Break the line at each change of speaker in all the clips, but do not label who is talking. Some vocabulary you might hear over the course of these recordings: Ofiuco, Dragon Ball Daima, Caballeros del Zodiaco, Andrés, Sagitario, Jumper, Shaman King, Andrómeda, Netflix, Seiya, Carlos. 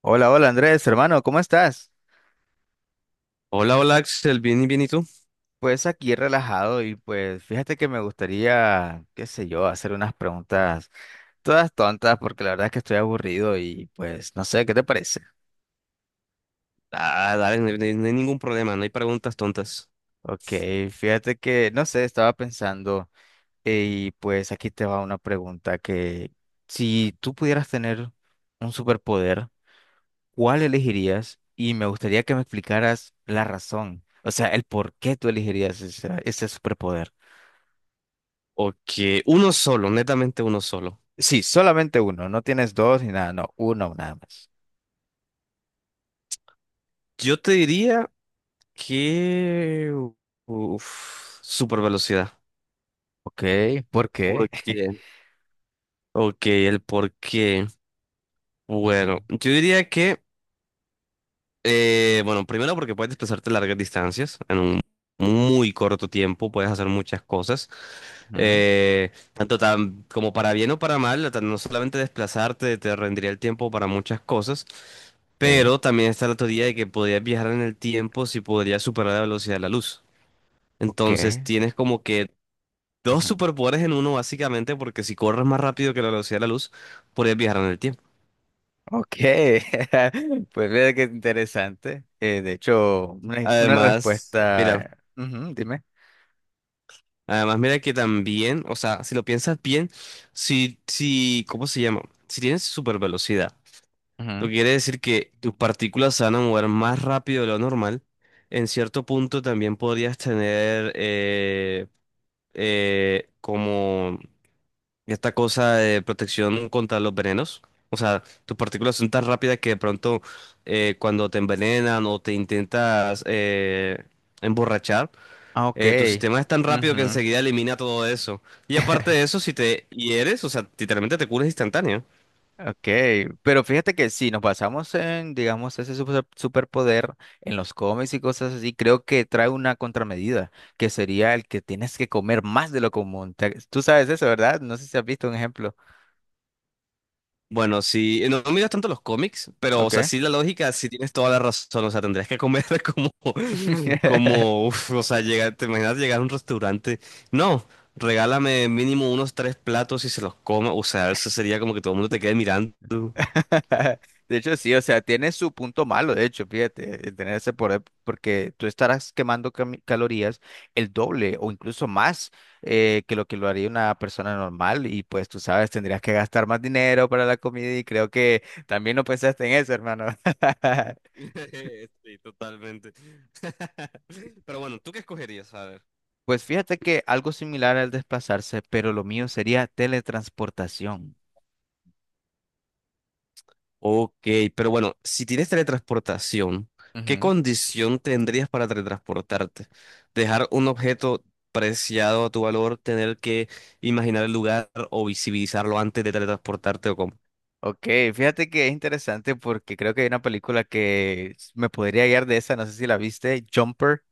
Hola, hola Andrés, hermano, ¿cómo estás?
Hola, hola Axel, bien y bien, ¿y tú?
Pues aquí relajado y pues fíjate que me gustaría, qué sé yo, hacer unas preguntas todas tontas porque la verdad es que estoy aburrido y pues no sé, ¿qué te parece?
Ah, dale, no, hay no hay ningún problema, no hay preguntas tontas.
Ok, fíjate que, no sé, estaba pensando y pues aquí te va una pregunta que si tú pudieras tener un superpoder, ¿cuál elegirías? Y me gustaría que me explicaras la razón, o sea, el por qué tú elegirías ese superpoder.
Ok, uno solo, netamente uno solo.
Sí, solamente uno, no tienes dos ni nada, no, uno nada más.
Yo te diría que, uf, super velocidad.
Ok, ¿por qué?
¿Por qué? Ok, el por qué.
Ujú,
Bueno, yo diría que, bueno, primero porque puedes desplazarte largas distancias en un muy corto tiempo, puedes hacer muchas cosas,
ujú,
tanto como para bien o para mal, no solamente desplazarte te rendiría el tiempo para muchas cosas,
ok,
pero también está la teoría de que podrías viajar en el tiempo si podrías superar la velocidad de la luz.
ok,
Entonces tienes como que dos
ujú,
superpoderes en uno básicamente, porque si corres más rápido que la velocidad de la luz, podrías viajar en el tiempo.
ok. Pues mira qué interesante. De hecho, una
Además, mira.
respuesta. Ujú, dime.
Además, mira que también, o sea, si lo piensas bien, si, ¿cómo se llama? Si tienes super velocidad, lo
Ujú,
que quiere decir que tus partículas se van a mover más rápido de lo normal, en cierto punto también podrías tener como esta cosa de protección contra los venenos. O sea, tus partículas son tan rápidas que de pronto, cuando te envenenan o te intentas emborrachar,
ah, ok.
tu sistema es tan rápido que
Ujú.
enseguida elimina todo eso. Y aparte de eso, si te hieres, o sea, literalmente te curas instantáneo.
Ok, pero fíjate que si nos basamos en, digamos, ese superpoder en los cómics y cosas así, creo que trae una contramedida, que sería el que tienes que comer más de lo común. Tú sabes eso, ¿verdad? No sé si has visto un ejemplo.
Bueno, si no, no miras tanto los cómics, pero, o sea,
Ok.
sí la lógica, sí tienes toda la razón. O sea, tendrías que comer como, uf, o sea, llegar, te imaginas llegar a un restaurante. No, regálame mínimo unos tres platos y se los coma. O sea, eso sería como que todo el mundo te quede mirando.
De hecho, sí, o sea, tiene su punto malo, de hecho, fíjate, el tener ese poder, porque tú estarás quemando calorías el doble o incluso más que lo haría una persona normal y pues tú sabes, tendrías que gastar más dinero para la comida y creo que también no pensaste en eso, hermano.
Sí, totalmente. Pero bueno, ¿tú qué escogerías? A ver.
Pues fíjate que algo similar al desplazarse, pero lo mío sería teletransportación.
Ok, pero bueno, si tienes teletransportación, ¿qué
Ujú.
condición tendrías para teletransportarte? Dejar un objeto preciado a tu valor, tener que imaginar el lugar o visibilizarlo antes de teletransportarte, ¿o cómo?
Ok, fíjate que es interesante porque creo que hay una película que me podría guiar de esa, no sé si la viste, Jumper.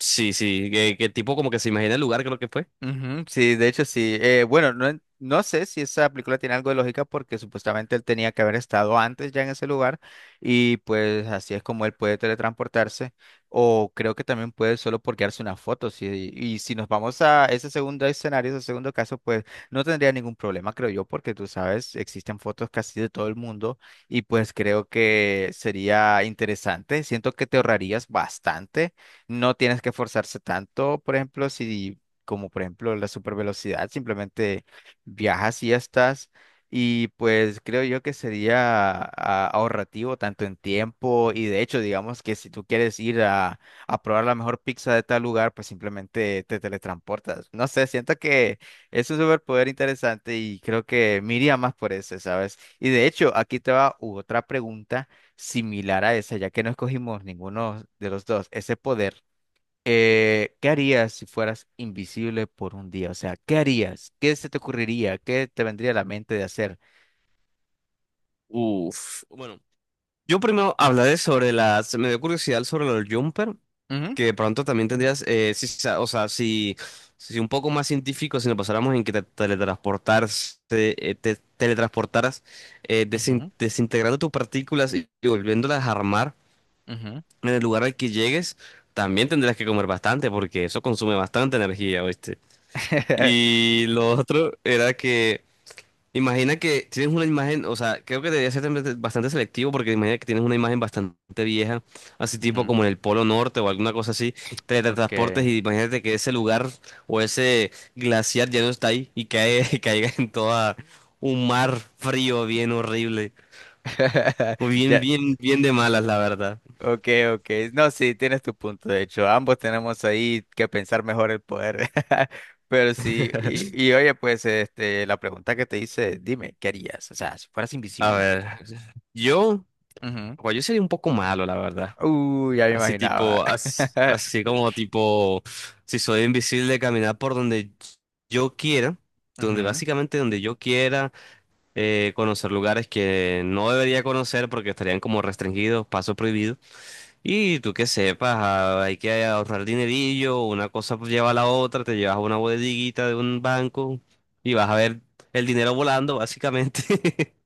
Sí, sí, que, tipo como que se imagina el lugar, creo que fue.
Ujú, sí, de hecho sí. Bueno, no, no sé si esa película tiene algo de lógica porque supuestamente él tenía que haber estado antes ya en ese lugar y pues así es como él puede teletransportarse o creo que también puede solo por quedarse una foto. Sí, y si nos vamos a ese segundo escenario, ese segundo caso, pues no tendría ningún problema, creo yo, porque tú sabes, existen fotos casi de todo el mundo y pues creo que sería interesante. Siento que te ahorrarías bastante. No tienes que esforzarse tanto, por ejemplo, si como por ejemplo la supervelocidad, simplemente viajas y ya estás. Y pues creo yo que sería ahorrativo tanto en tiempo y de hecho digamos que si tú quieres ir a probar la mejor pizza de tal lugar, pues simplemente te teletransportas. No sé, siento que es un superpoder interesante y creo que me iría más por ese, ¿sabes? Y de hecho aquí te va otra pregunta similar a esa, ya que no escogimos ninguno de los dos, ese poder. ¿Qué harías si fueras invisible por un día? O sea, ¿qué harías? ¿Qué se te ocurriría? ¿Qué te vendría a la mente de hacer?
Uf, bueno, yo primero hablaré sobre me dio curiosidad sobre los jumper,
Ujú,
que de pronto también tendrías, sí, o sea, si, si un poco más científico, si nos pasáramos en que te teletransportaras,
ujú,
desintegrando tus partículas y volviéndolas a armar
ujú,
en el lugar al que llegues, también tendrías que comer bastante porque eso consume bastante energía, ¿oíste? Y lo otro era que, imagina que tienes una imagen, o sea, creo que debería ser también bastante selectivo, porque imagina que tienes una imagen bastante vieja, así tipo
ujú.
como en el Polo Norte o alguna cosa así, te transportes
Okay.
y imagínate que ese lugar o ese glaciar ya no está ahí y cae, y caiga en toda un mar frío bien horrible, o bien,
Ya.
bien, bien de malas, la verdad.
Okay, okay. No, sí, tienes tu punto. De hecho, ambos tenemos ahí que pensar mejor el poder. Pero sí, y oye, pues, este, la pregunta que te hice, dime, ¿qué harías? O sea, si fueras
A
invisible.
ver, yo,
Ujú,
pues yo sería un poco malo, la verdad.
uy, ya me
Así
imaginaba.
tipo, así como tipo, si soy invisible, caminar por donde yo quiera, donde
Ujú,
básicamente donde yo quiera, conocer lugares que no debería conocer porque estarían como restringidos, paso prohibido. Y tú que sepas, ah, hay que ahorrar dinerillo, una cosa pues lleva a la otra, te llevas a una bodeguita de un banco y vas a ver el dinero volando, básicamente.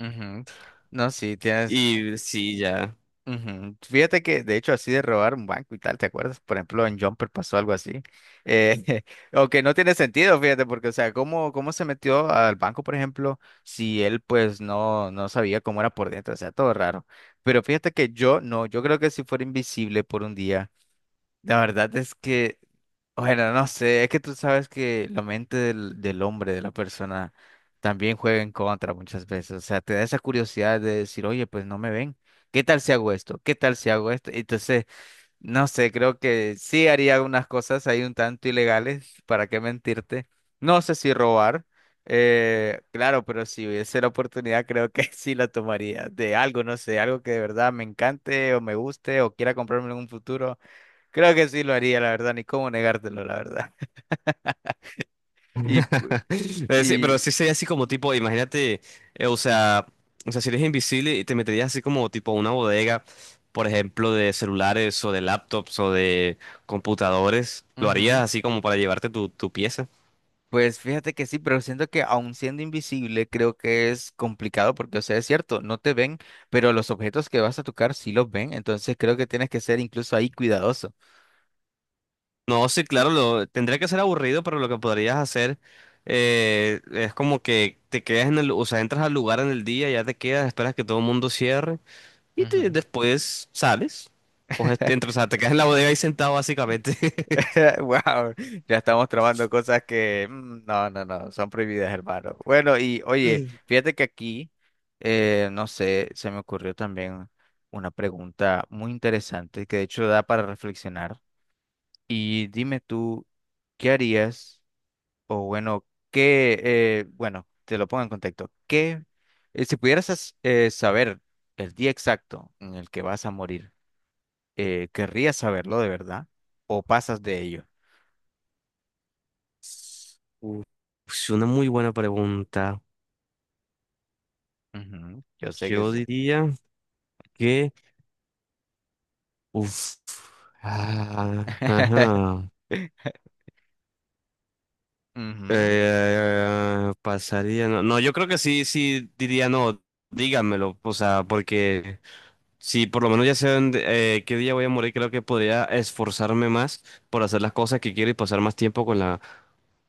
ujú. No, sí, tienes.
Y sí, ya.
Ujú. Fíjate que, de hecho, así de robar un banco y tal, ¿te acuerdas? Por ejemplo, en Jumper pasó algo así. Eh, aunque no tiene sentido, fíjate, porque, o sea, ¿cómo se metió al banco, por ejemplo, si él, pues, no, no sabía cómo era por dentro? O sea, todo raro. Pero fíjate que yo, no, yo creo que si fuera invisible por un día, la verdad es que, bueno, no sé, es que tú sabes que la mente del hombre, de la persona, también juega en contra muchas veces. O sea, te da esa curiosidad de decir, oye, pues no me ven. ¿Qué tal si hago esto? ¿Qué tal si hago esto? Entonces, no sé, creo que sí haría unas cosas ahí un tanto ilegales, ¿para qué mentirte? No sé si robar, claro, pero si hubiese la oportunidad, creo que sí la tomaría. De algo, no sé, algo que de verdad me encante o me guste o quiera comprarme en un futuro. Creo que sí lo haría, la verdad, ni cómo negártelo, la verdad. Y, pu-
Sí, pero
y
sí sería así como tipo, imagínate, o sea, si eres invisible y te meterías así como tipo a una bodega, por ejemplo, de celulares o de laptops o de computadores, lo harías
ujú,
así como para llevarte tu pieza.
pues fíjate que sí, pero siento que aun siendo invisible, creo que es complicado porque, o sea, es cierto, no te ven, pero los objetos que vas a tocar sí los ven, entonces creo que tienes que ser incluso ahí cuidadoso.
No, sí, claro, tendría que ser aburrido, pero lo que podrías hacer, es como que te quedas en o sea, entras al lugar en el día, ya te quedas, esperas que todo el mundo cierre y
Ujú.
después sales, coges, entras, o sea, te quedas en la bodega ahí sentado básicamente.
Wow, ya estamos trabando cosas que no, no, no, son prohibidas, hermano. Bueno, y oye, fíjate que aquí, no sé, se me ocurrió también una pregunta muy interesante que de hecho da para reflexionar. Y dime tú, ¿qué harías? O bueno, bueno, te lo pongo en contexto. Si pudieras saber el día exacto en el que vas a morir, ¿querrías saberlo de verdad o pasas de ello?
Uf, es una muy buena pregunta.
Ujú, yo sé que
Yo
sí.
diría que, uf, ah, ajá,
Ujú,
pasaría, no, no, yo creo que sí, sí diría no, díganmelo, o sea, porque si por lo menos ya sé qué día voy a morir, creo que podría esforzarme más por hacer las cosas que quiero y pasar más tiempo con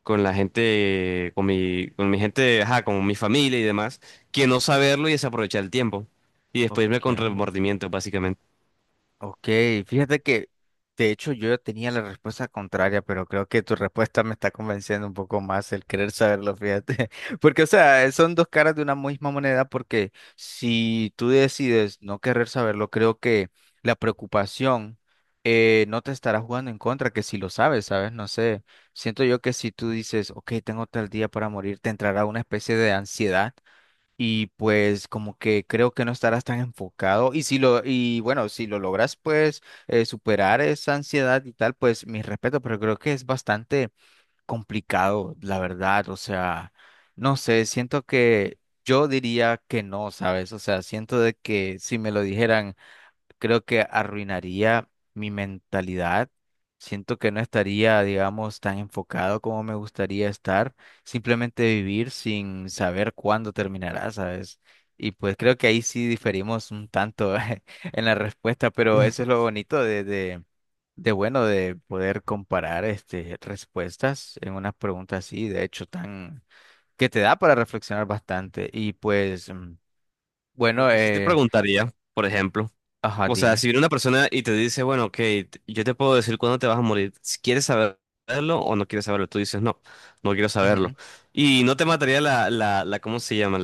con la gente, con con mi gente, ajá, con mi familia y demás, que no saberlo y desaprovechar el tiempo. Y después irme
ok,
con remordimiento, básicamente.
ok. Fíjate que, de hecho, yo ya tenía la respuesta contraria, pero creo que tu respuesta me está convenciendo un poco más el querer saberlo, fíjate. Porque, o sea, son dos caras de una misma moneda, porque si tú decides no querer saberlo, creo que la preocupación no te estará jugando en contra, que si lo sabes, ¿sabes? No sé. Siento yo que si tú dices, ok, tengo tal día para morir, te entrará una especie de ansiedad y pues como que creo que no estarás tan enfocado y si lo y bueno, si lo logras pues superar esa ansiedad y tal, pues mis respetos pero creo que es bastante complicado, la verdad, o sea, no sé, siento que yo diría que no, ¿sabes? O sea, siento de que si me lo dijeran creo que arruinaría mi mentalidad. Siento que no estaría, digamos, tan enfocado como me gustaría estar, simplemente vivir sin saber cuándo terminará, ¿sabes? Y pues creo que ahí sí diferimos un tanto en la respuesta, pero eso es lo bonito de bueno, de poder comparar este, respuestas en unas preguntas así, de hecho, tan, que te da para reflexionar bastante. Y pues, bueno,
Aunque sí te preguntaría, por ejemplo,
ajá,
o sea,
dime.
si viene una persona y te dice, bueno, ok, yo te puedo decir cuándo te vas a morir, si quieres saberlo o no quieres saberlo, tú dices, no, no quiero saberlo.
Ujú,
Y no te mataría la, ¿cómo se llama?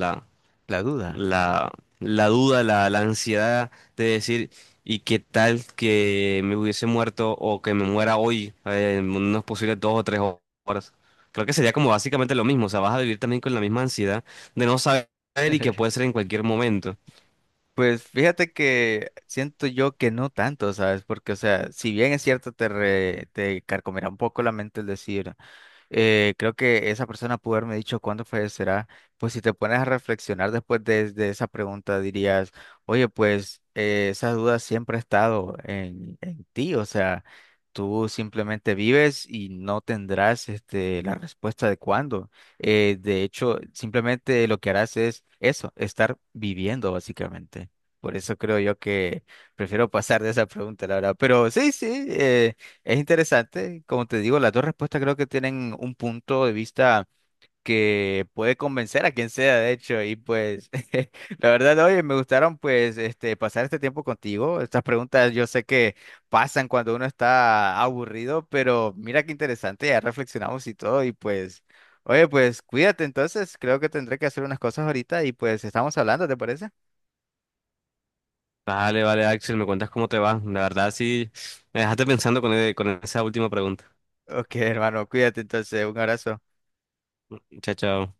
la duda.
la, la duda, la ansiedad de decir, ¿y qué tal que me hubiese muerto o que me muera hoy, en unos posibles dos o tres horas? Creo que sería como básicamente lo mismo, o sea, vas a vivir también con la misma ansiedad de no saber, y que puede ser en cualquier momento.
Pues fíjate que siento yo que no tanto, ¿sabes? Porque, o sea, si bien es cierto, te, te carcomerá un poco la mente el decir creo que esa persona pudo haberme dicho cuándo fallecerá. Pues si te pones a reflexionar después de esa pregunta, dirías, oye, pues esa duda siempre ha estado en ti, o sea, tú simplemente vives y no tendrás este, la respuesta de cuándo. De hecho, simplemente lo que harás es eso, estar viviendo básicamente. Por eso creo yo que prefiero pasar de esa pregunta, la verdad. Pero sí, sí, es interesante, como te digo, las dos respuestas creo que tienen un punto de vista que puede convencer a quien sea, de hecho, y pues la verdad, oye, me gustaron pues este pasar este tiempo contigo. Estas preguntas yo sé que pasan cuando uno está aburrido, pero mira qué interesante, ya reflexionamos y todo y pues oye, pues cuídate entonces, creo que tendré que hacer unas cosas ahorita y pues estamos hablando, ¿te parece?
Vale, vale, Axel, me cuentas cómo te va. La verdad, sí, me dejaste pensando con, con esa última pregunta.
Ok, hermano, cuídate entonces, un abrazo.
Chao, chao.